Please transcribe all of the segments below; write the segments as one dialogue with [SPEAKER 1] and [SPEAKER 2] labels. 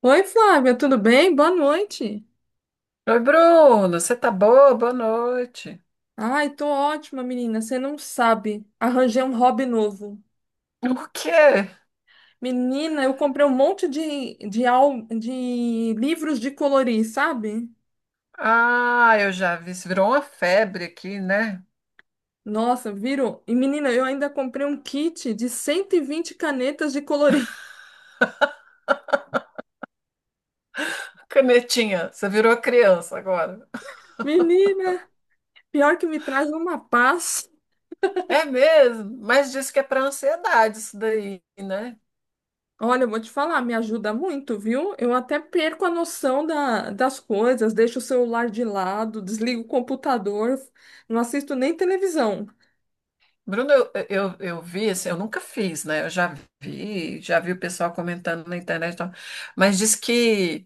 [SPEAKER 1] Oi, Flávia, tudo bem? Boa noite.
[SPEAKER 2] Oi, Bruno, você tá boa? Boa noite.
[SPEAKER 1] Ai, tô ótima, menina. Você não sabe. Arranjei um hobby novo.
[SPEAKER 2] O quê?
[SPEAKER 1] Menina, eu comprei um monte de livros de colorir, sabe?
[SPEAKER 2] Ah, eu já vi. Isso virou uma febre aqui, né?
[SPEAKER 1] Nossa, virou. E, menina, eu ainda comprei um kit de 120 canetas de colorir.
[SPEAKER 2] Canetinha, você virou criança agora.
[SPEAKER 1] Menina, pior que me traz uma paz.
[SPEAKER 2] É mesmo, mas disse que é para ansiedade isso daí, né?
[SPEAKER 1] Olha, eu vou te falar, me ajuda muito, viu? Eu até perco a noção da, das coisas, deixo o celular de lado, desligo o computador, não assisto nem televisão.
[SPEAKER 2] Bruno, eu vi, assim, eu nunca fiz, né? Eu já vi o pessoal comentando na internet, e tal. Mas diz que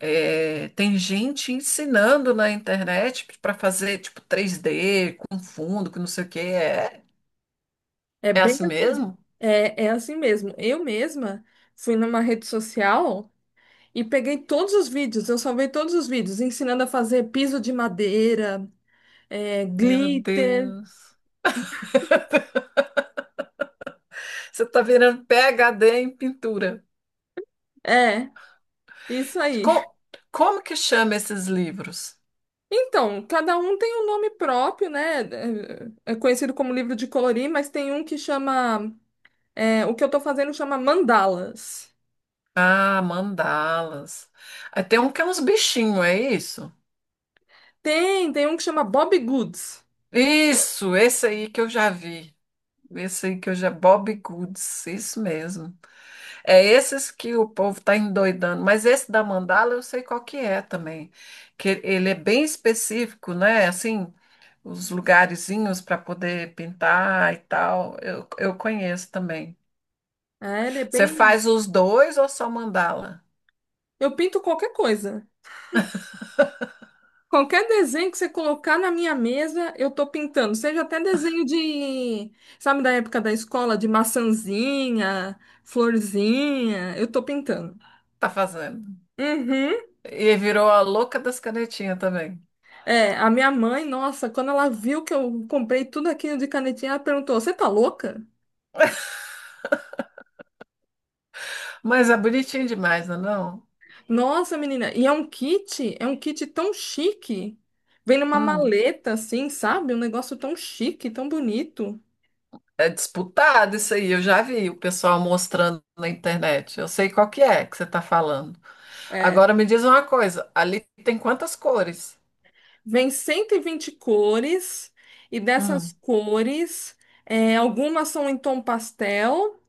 [SPEAKER 2] tem gente ensinando na internet para fazer tipo 3D com fundo, com não sei o quê. É,
[SPEAKER 1] É
[SPEAKER 2] é
[SPEAKER 1] bem
[SPEAKER 2] assim
[SPEAKER 1] assim.
[SPEAKER 2] mesmo?
[SPEAKER 1] É, é assim mesmo. Eu mesma fui numa rede social e peguei todos os vídeos, eu salvei todos os vídeos, ensinando a fazer piso de madeira, é,
[SPEAKER 2] Meu
[SPEAKER 1] glitter.
[SPEAKER 2] Deus. Você está virando PhD em pintura.
[SPEAKER 1] É, isso aí.
[SPEAKER 2] Co- Como que chama esses livros?
[SPEAKER 1] Então, cada um tem um nome próprio, né? É conhecido como livro de colorir, mas tem um que chama. É, o que eu tô fazendo chama mandalas.
[SPEAKER 2] Ah, mandalas. Aí tem um que é uns bichinhos, é isso?
[SPEAKER 1] Tem um que chama Bob Goods.
[SPEAKER 2] Isso, esse aí que eu já vi. Esse aí que eu já. Bob Goods, isso mesmo. É esses que o povo tá endoidando. Mas esse da mandala eu sei qual que é também. Que ele é bem específico, né? Assim, os lugarzinhos para poder pintar e tal. Eu conheço também.
[SPEAKER 1] É, ele é
[SPEAKER 2] Você
[SPEAKER 1] bem.
[SPEAKER 2] faz os dois ou só mandala?
[SPEAKER 1] Eu pinto qualquer coisa. Qualquer desenho que você colocar na minha mesa, eu tô pintando. Seja até desenho de, sabe, da época da escola, de maçãzinha, florzinha, eu tô pintando.
[SPEAKER 2] Tá fazendo.
[SPEAKER 1] Uhum.
[SPEAKER 2] E virou a louca das canetinhas também.
[SPEAKER 1] É, a minha mãe, nossa, quando ela viu que eu comprei tudo aquilo de canetinha, ela perguntou: Você tá louca?
[SPEAKER 2] Mas é bonitinho demais, não é não?
[SPEAKER 1] Nossa, menina, e é um kit tão chique. Vem numa
[SPEAKER 2] Hum,
[SPEAKER 1] maleta assim, sabe? Um negócio tão chique, tão bonito.
[SPEAKER 2] É disputado isso aí. Eu já vi o pessoal mostrando na internet. Eu sei qual que é que você tá falando.
[SPEAKER 1] É,
[SPEAKER 2] Agora me diz uma coisa. Ali tem quantas cores?
[SPEAKER 1] vem 120 cores, e dessas
[SPEAKER 2] Hum,
[SPEAKER 1] cores, é, algumas são em tom pastel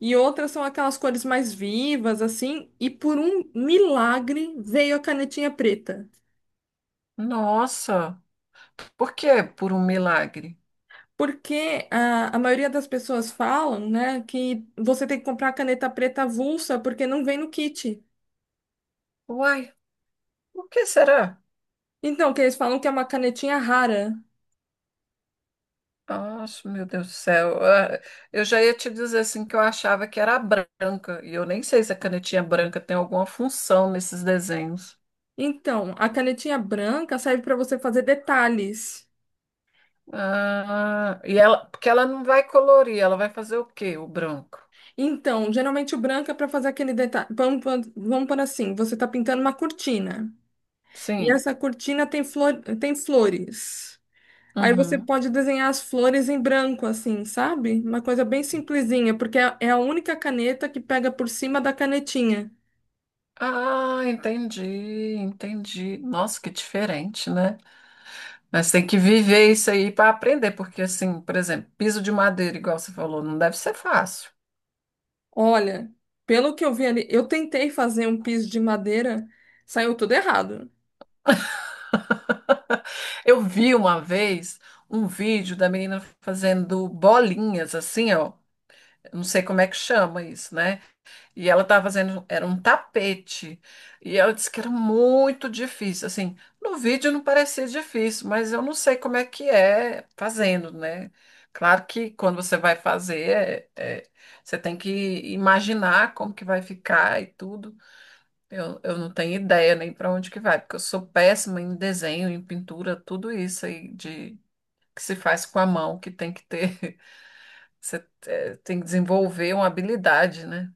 [SPEAKER 1] e outras são aquelas cores mais vivas, assim. E por um milagre veio a canetinha preta.
[SPEAKER 2] nossa. Por que por um milagre?
[SPEAKER 1] Porque a maioria das pessoas falam, né, que você tem que comprar a caneta preta avulsa porque não vem no kit.
[SPEAKER 2] Uai, por que será?
[SPEAKER 1] Então, que eles falam que é uma canetinha rara.
[SPEAKER 2] Nossa, meu Deus do céu. Ah, eu já ia te dizer assim que eu achava que era branca, e eu nem sei se a canetinha branca tem alguma função nesses desenhos.
[SPEAKER 1] Então, a canetinha branca serve para você fazer detalhes.
[SPEAKER 2] Ah, e ela, porque ela não vai colorir, ela vai fazer o quê? O branco.
[SPEAKER 1] Então, geralmente o branco é para fazer aquele detalhe. Vamos por assim, você está pintando uma cortina. E
[SPEAKER 2] Sim.
[SPEAKER 1] essa cortina tem flor, tem flores. Aí você
[SPEAKER 2] Uhum.
[SPEAKER 1] pode desenhar as flores em branco, assim, sabe? Uma coisa bem simplesinha, porque é a única caneta que pega por cima da canetinha.
[SPEAKER 2] Ah, entendi, entendi. Nossa, que diferente, né? Mas tem que viver isso aí para aprender, porque assim, por exemplo, piso de madeira, igual você falou, não deve ser fácil.
[SPEAKER 1] Olha, pelo que eu vi ali, eu tentei fazer um piso de madeira, saiu tudo errado.
[SPEAKER 2] Eu vi uma vez um vídeo da menina fazendo bolinhas assim, ó. Eu não sei como é que chama isso, né? E ela estava fazendo, era um tapete. E ela disse que era muito difícil. Assim, no vídeo não parecia difícil, mas eu não sei como é que é fazendo, né? Claro que quando você vai fazer, você tem que imaginar como que vai ficar e tudo. Eu não tenho ideia nem para onde que vai, porque eu sou péssima em desenho, em pintura, tudo isso aí de que se faz com a mão, que tem que ter, você tem que desenvolver uma habilidade, né?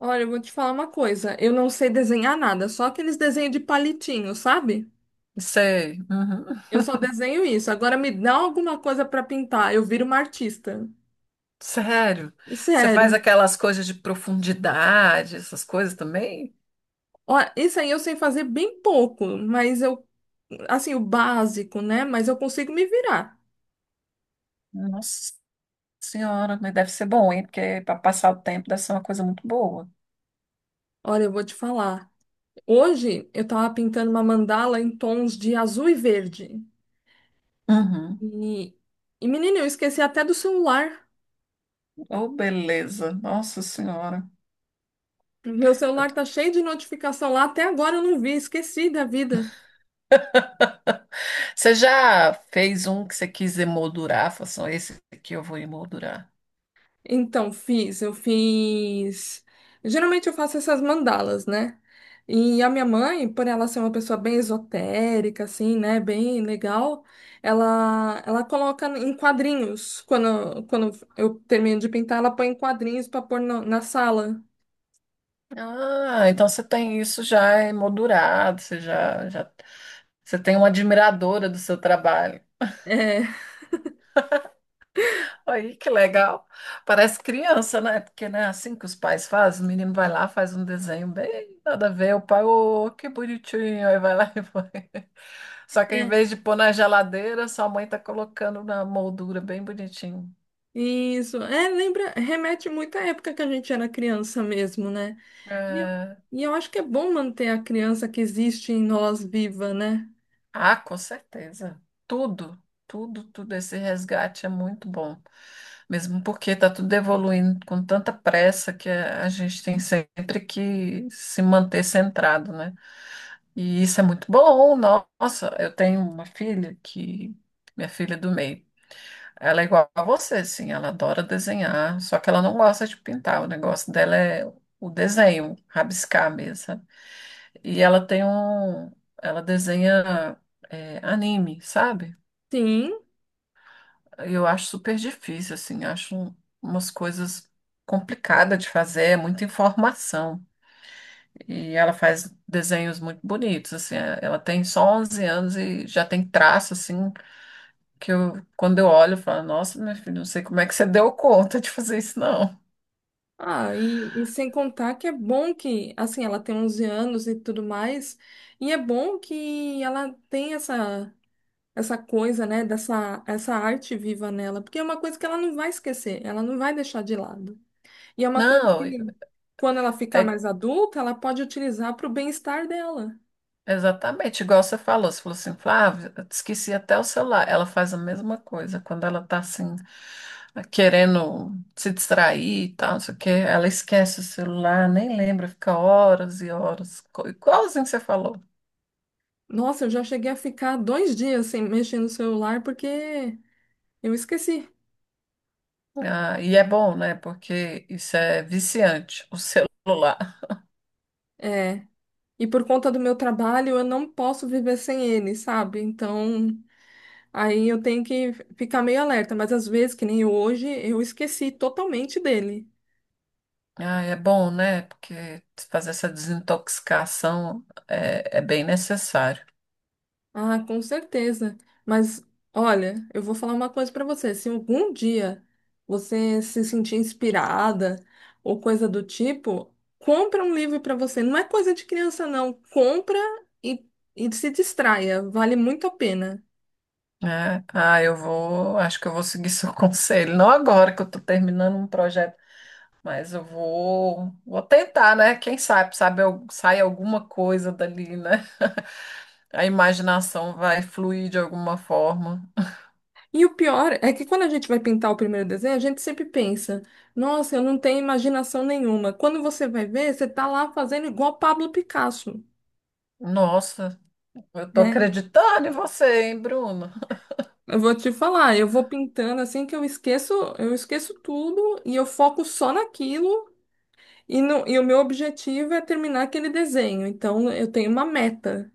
[SPEAKER 1] Olha, eu vou te falar uma coisa. Eu não sei desenhar nada, só aqueles desenhos de palitinho, sabe?
[SPEAKER 2] Sei, uhum.
[SPEAKER 1] Eu só desenho isso. Agora me dá alguma coisa para pintar, eu viro uma artista.
[SPEAKER 2] Sério. Você faz
[SPEAKER 1] Sério.
[SPEAKER 2] aquelas coisas de profundidade, essas coisas também?
[SPEAKER 1] Ó, isso aí eu sei fazer bem pouco, mas eu, assim, o básico, né? Mas eu consigo me virar.
[SPEAKER 2] Nossa senhora, mas deve ser bom, hein? Porque para passar o tempo deve ser uma coisa muito boa.
[SPEAKER 1] Olha, eu vou te falar. Hoje eu tava pintando uma mandala em tons de azul e verde.
[SPEAKER 2] Uhum.
[SPEAKER 1] E, e, menina, eu esqueci até do celular.
[SPEAKER 2] Oh, beleza. Nossa senhora.
[SPEAKER 1] Meu celular tá cheio de notificação lá, até agora eu não vi, esqueci da vida.
[SPEAKER 2] Você já fez um que você quis emoldurar? Falou assim, "Ó, esse aqui eu vou emoldurar."
[SPEAKER 1] Então, fiz, eu fiz. Geralmente eu faço essas mandalas, né? E a minha mãe, por ela ser uma pessoa bem esotérica, assim, né? Bem legal, ela coloca em quadrinhos. Quando eu termino de pintar, ela põe em quadrinhos para pôr no- na sala.
[SPEAKER 2] Ah, então você tem isso já emoldurado, você já, já você tem uma admiradora do seu trabalho.
[SPEAKER 1] É,
[SPEAKER 2] Aí, que legal. Parece criança, né? Porque não é assim que os pais fazem. O menino vai lá, faz um desenho bem nada a ver. O pai, ô, que bonitinho. Aí vai lá e põe. Só que em
[SPEAKER 1] é,
[SPEAKER 2] vez de pôr na geladeira, sua mãe tá colocando na moldura bem bonitinho.
[SPEAKER 1] isso. É, lembra, remete muito à época que a gente era criança mesmo, né? E eu,
[SPEAKER 2] É.
[SPEAKER 1] e eu acho que é bom manter a criança que existe em nós viva, né?
[SPEAKER 2] Ah, com certeza. Tudo, tudo, tudo. Esse resgate é muito bom. Mesmo porque está tudo evoluindo com tanta pressa que a gente tem sempre que se manter centrado, né? E isso é muito bom. Nossa, eu tenho uma filha que. Minha filha é do meio. Ela é igual a você, sim. Ela adora desenhar, só que ela não gosta de pintar. O negócio dela é o desenho, rabiscar mesmo. E ela tem um. Ela desenha anime, sabe?
[SPEAKER 1] Sim.
[SPEAKER 2] Eu acho super difícil, assim. Acho umas coisas complicadas de fazer, é muita informação. E ela faz desenhos muito bonitos, assim. Ela tem só 11 anos e já tem traço, assim, que eu, quando eu olho, eu falo: Nossa, meu filho, não sei como é que você deu conta de fazer isso, não.
[SPEAKER 1] Ah, e sem contar que é bom que, assim, ela tem 11 anos e tudo mais, e é bom que ela tem essa, coisa, né, dessa essa arte viva nela, porque é uma coisa que ela não vai esquecer, ela não vai deixar de lado. E é uma coisa
[SPEAKER 2] Não,
[SPEAKER 1] que, quando ela ficar
[SPEAKER 2] é
[SPEAKER 1] mais adulta, ela pode utilizar para o bem-estar dela.
[SPEAKER 2] Exatamente, igual você falou assim, Flávia, eu esqueci até o celular. Ela faz a mesma coisa quando ela tá assim, querendo se distrair e tal, não sei o quê, ela esquece o celular, nem lembra, fica horas e horas, igualzinho que você falou.
[SPEAKER 1] Nossa, eu já cheguei a ficar 2 dias sem mexer no celular porque eu esqueci.
[SPEAKER 2] Ah, e é bom, né? Porque isso é viciante, o celular.
[SPEAKER 1] É. E por conta do meu trabalho, eu não posso viver sem ele, sabe? Então. Aí eu tenho que ficar meio alerta, mas às vezes, que nem hoje, eu esqueci totalmente dele.
[SPEAKER 2] Ah, é bom, né? Porque fazer essa desintoxicação é bem necessário.
[SPEAKER 1] Ah, com certeza. Mas olha, eu vou falar uma coisa para você. Se algum dia você se sentir inspirada ou coisa do tipo, compra um livro para você. Não é coisa de criança, não. Compra e, e se distraia. Vale muito a pena.
[SPEAKER 2] É, ah, acho que eu vou seguir seu conselho. Não agora que eu estou terminando um projeto, mas eu vou tentar, né? Quem sabe, sabe, sai alguma coisa dali, né? A imaginação vai fluir de alguma forma.
[SPEAKER 1] E o pior é que quando a gente vai pintar o primeiro desenho, a gente sempre pensa, nossa, eu não tenho imaginação nenhuma. Quando você vai ver, você tá lá fazendo igual Pablo Picasso.
[SPEAKER 2] Nossa, eu tô
[SPEAKER 1] Né?
[SPEAKER 2] acreditando em você, hein, Bruno?
[SPEAKER 1] Eu vou te falar, eu vou pintando assim que eu esqueço tudo e eu foco só naquilo e, no, e o meu objetivo é terminar aquele desenho. Então eu tenho uma meta.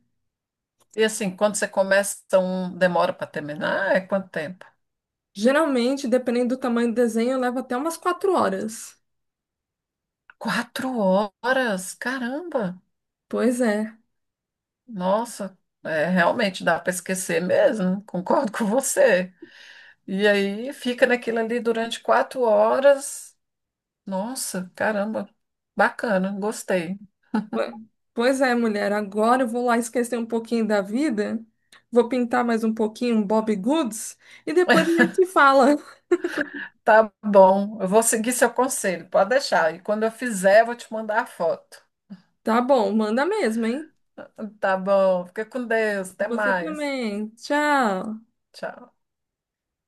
[SPEAKER 2] E assim, quando você começa, demora para terminar? É quanto tempo?
[SPEAKER 1] Geralmente, dependendo do tamanho do desenho, eu levo até umas 4 horas.
[SPEAKER 2] 4 horas, caramba!
[SPEAKER 1] Pois é.
[SPEAKER 2] Nossa, realmente dá para esquecer mesmo. Concordo com você. E aí fica naquilo ali durante 4 horas. Nossa, caramba, bacana, gostei.
[SPEAKER 1] Pois é, mulher, agora eu vou lá esquecer um pouquinho da vida, vou pintar mais um pouquinho um Bob Goods e depois a gente se fala.
[SPEAKER 2] Tá bom, eu vou seguir seu conselho, pode deixar. E quando eu fizer, eu vou te mandar a foto.
[SPEAKER 1] Tá bom, manda mesmo, hein?
[SPEAKER 2] Tá bom, fica com Deus, até
[SPEAKER 1] Você
[SPEAKER 2] mais.
[SPEAKER 1] também. Tchau.
[SPEAKER 2] Tchau.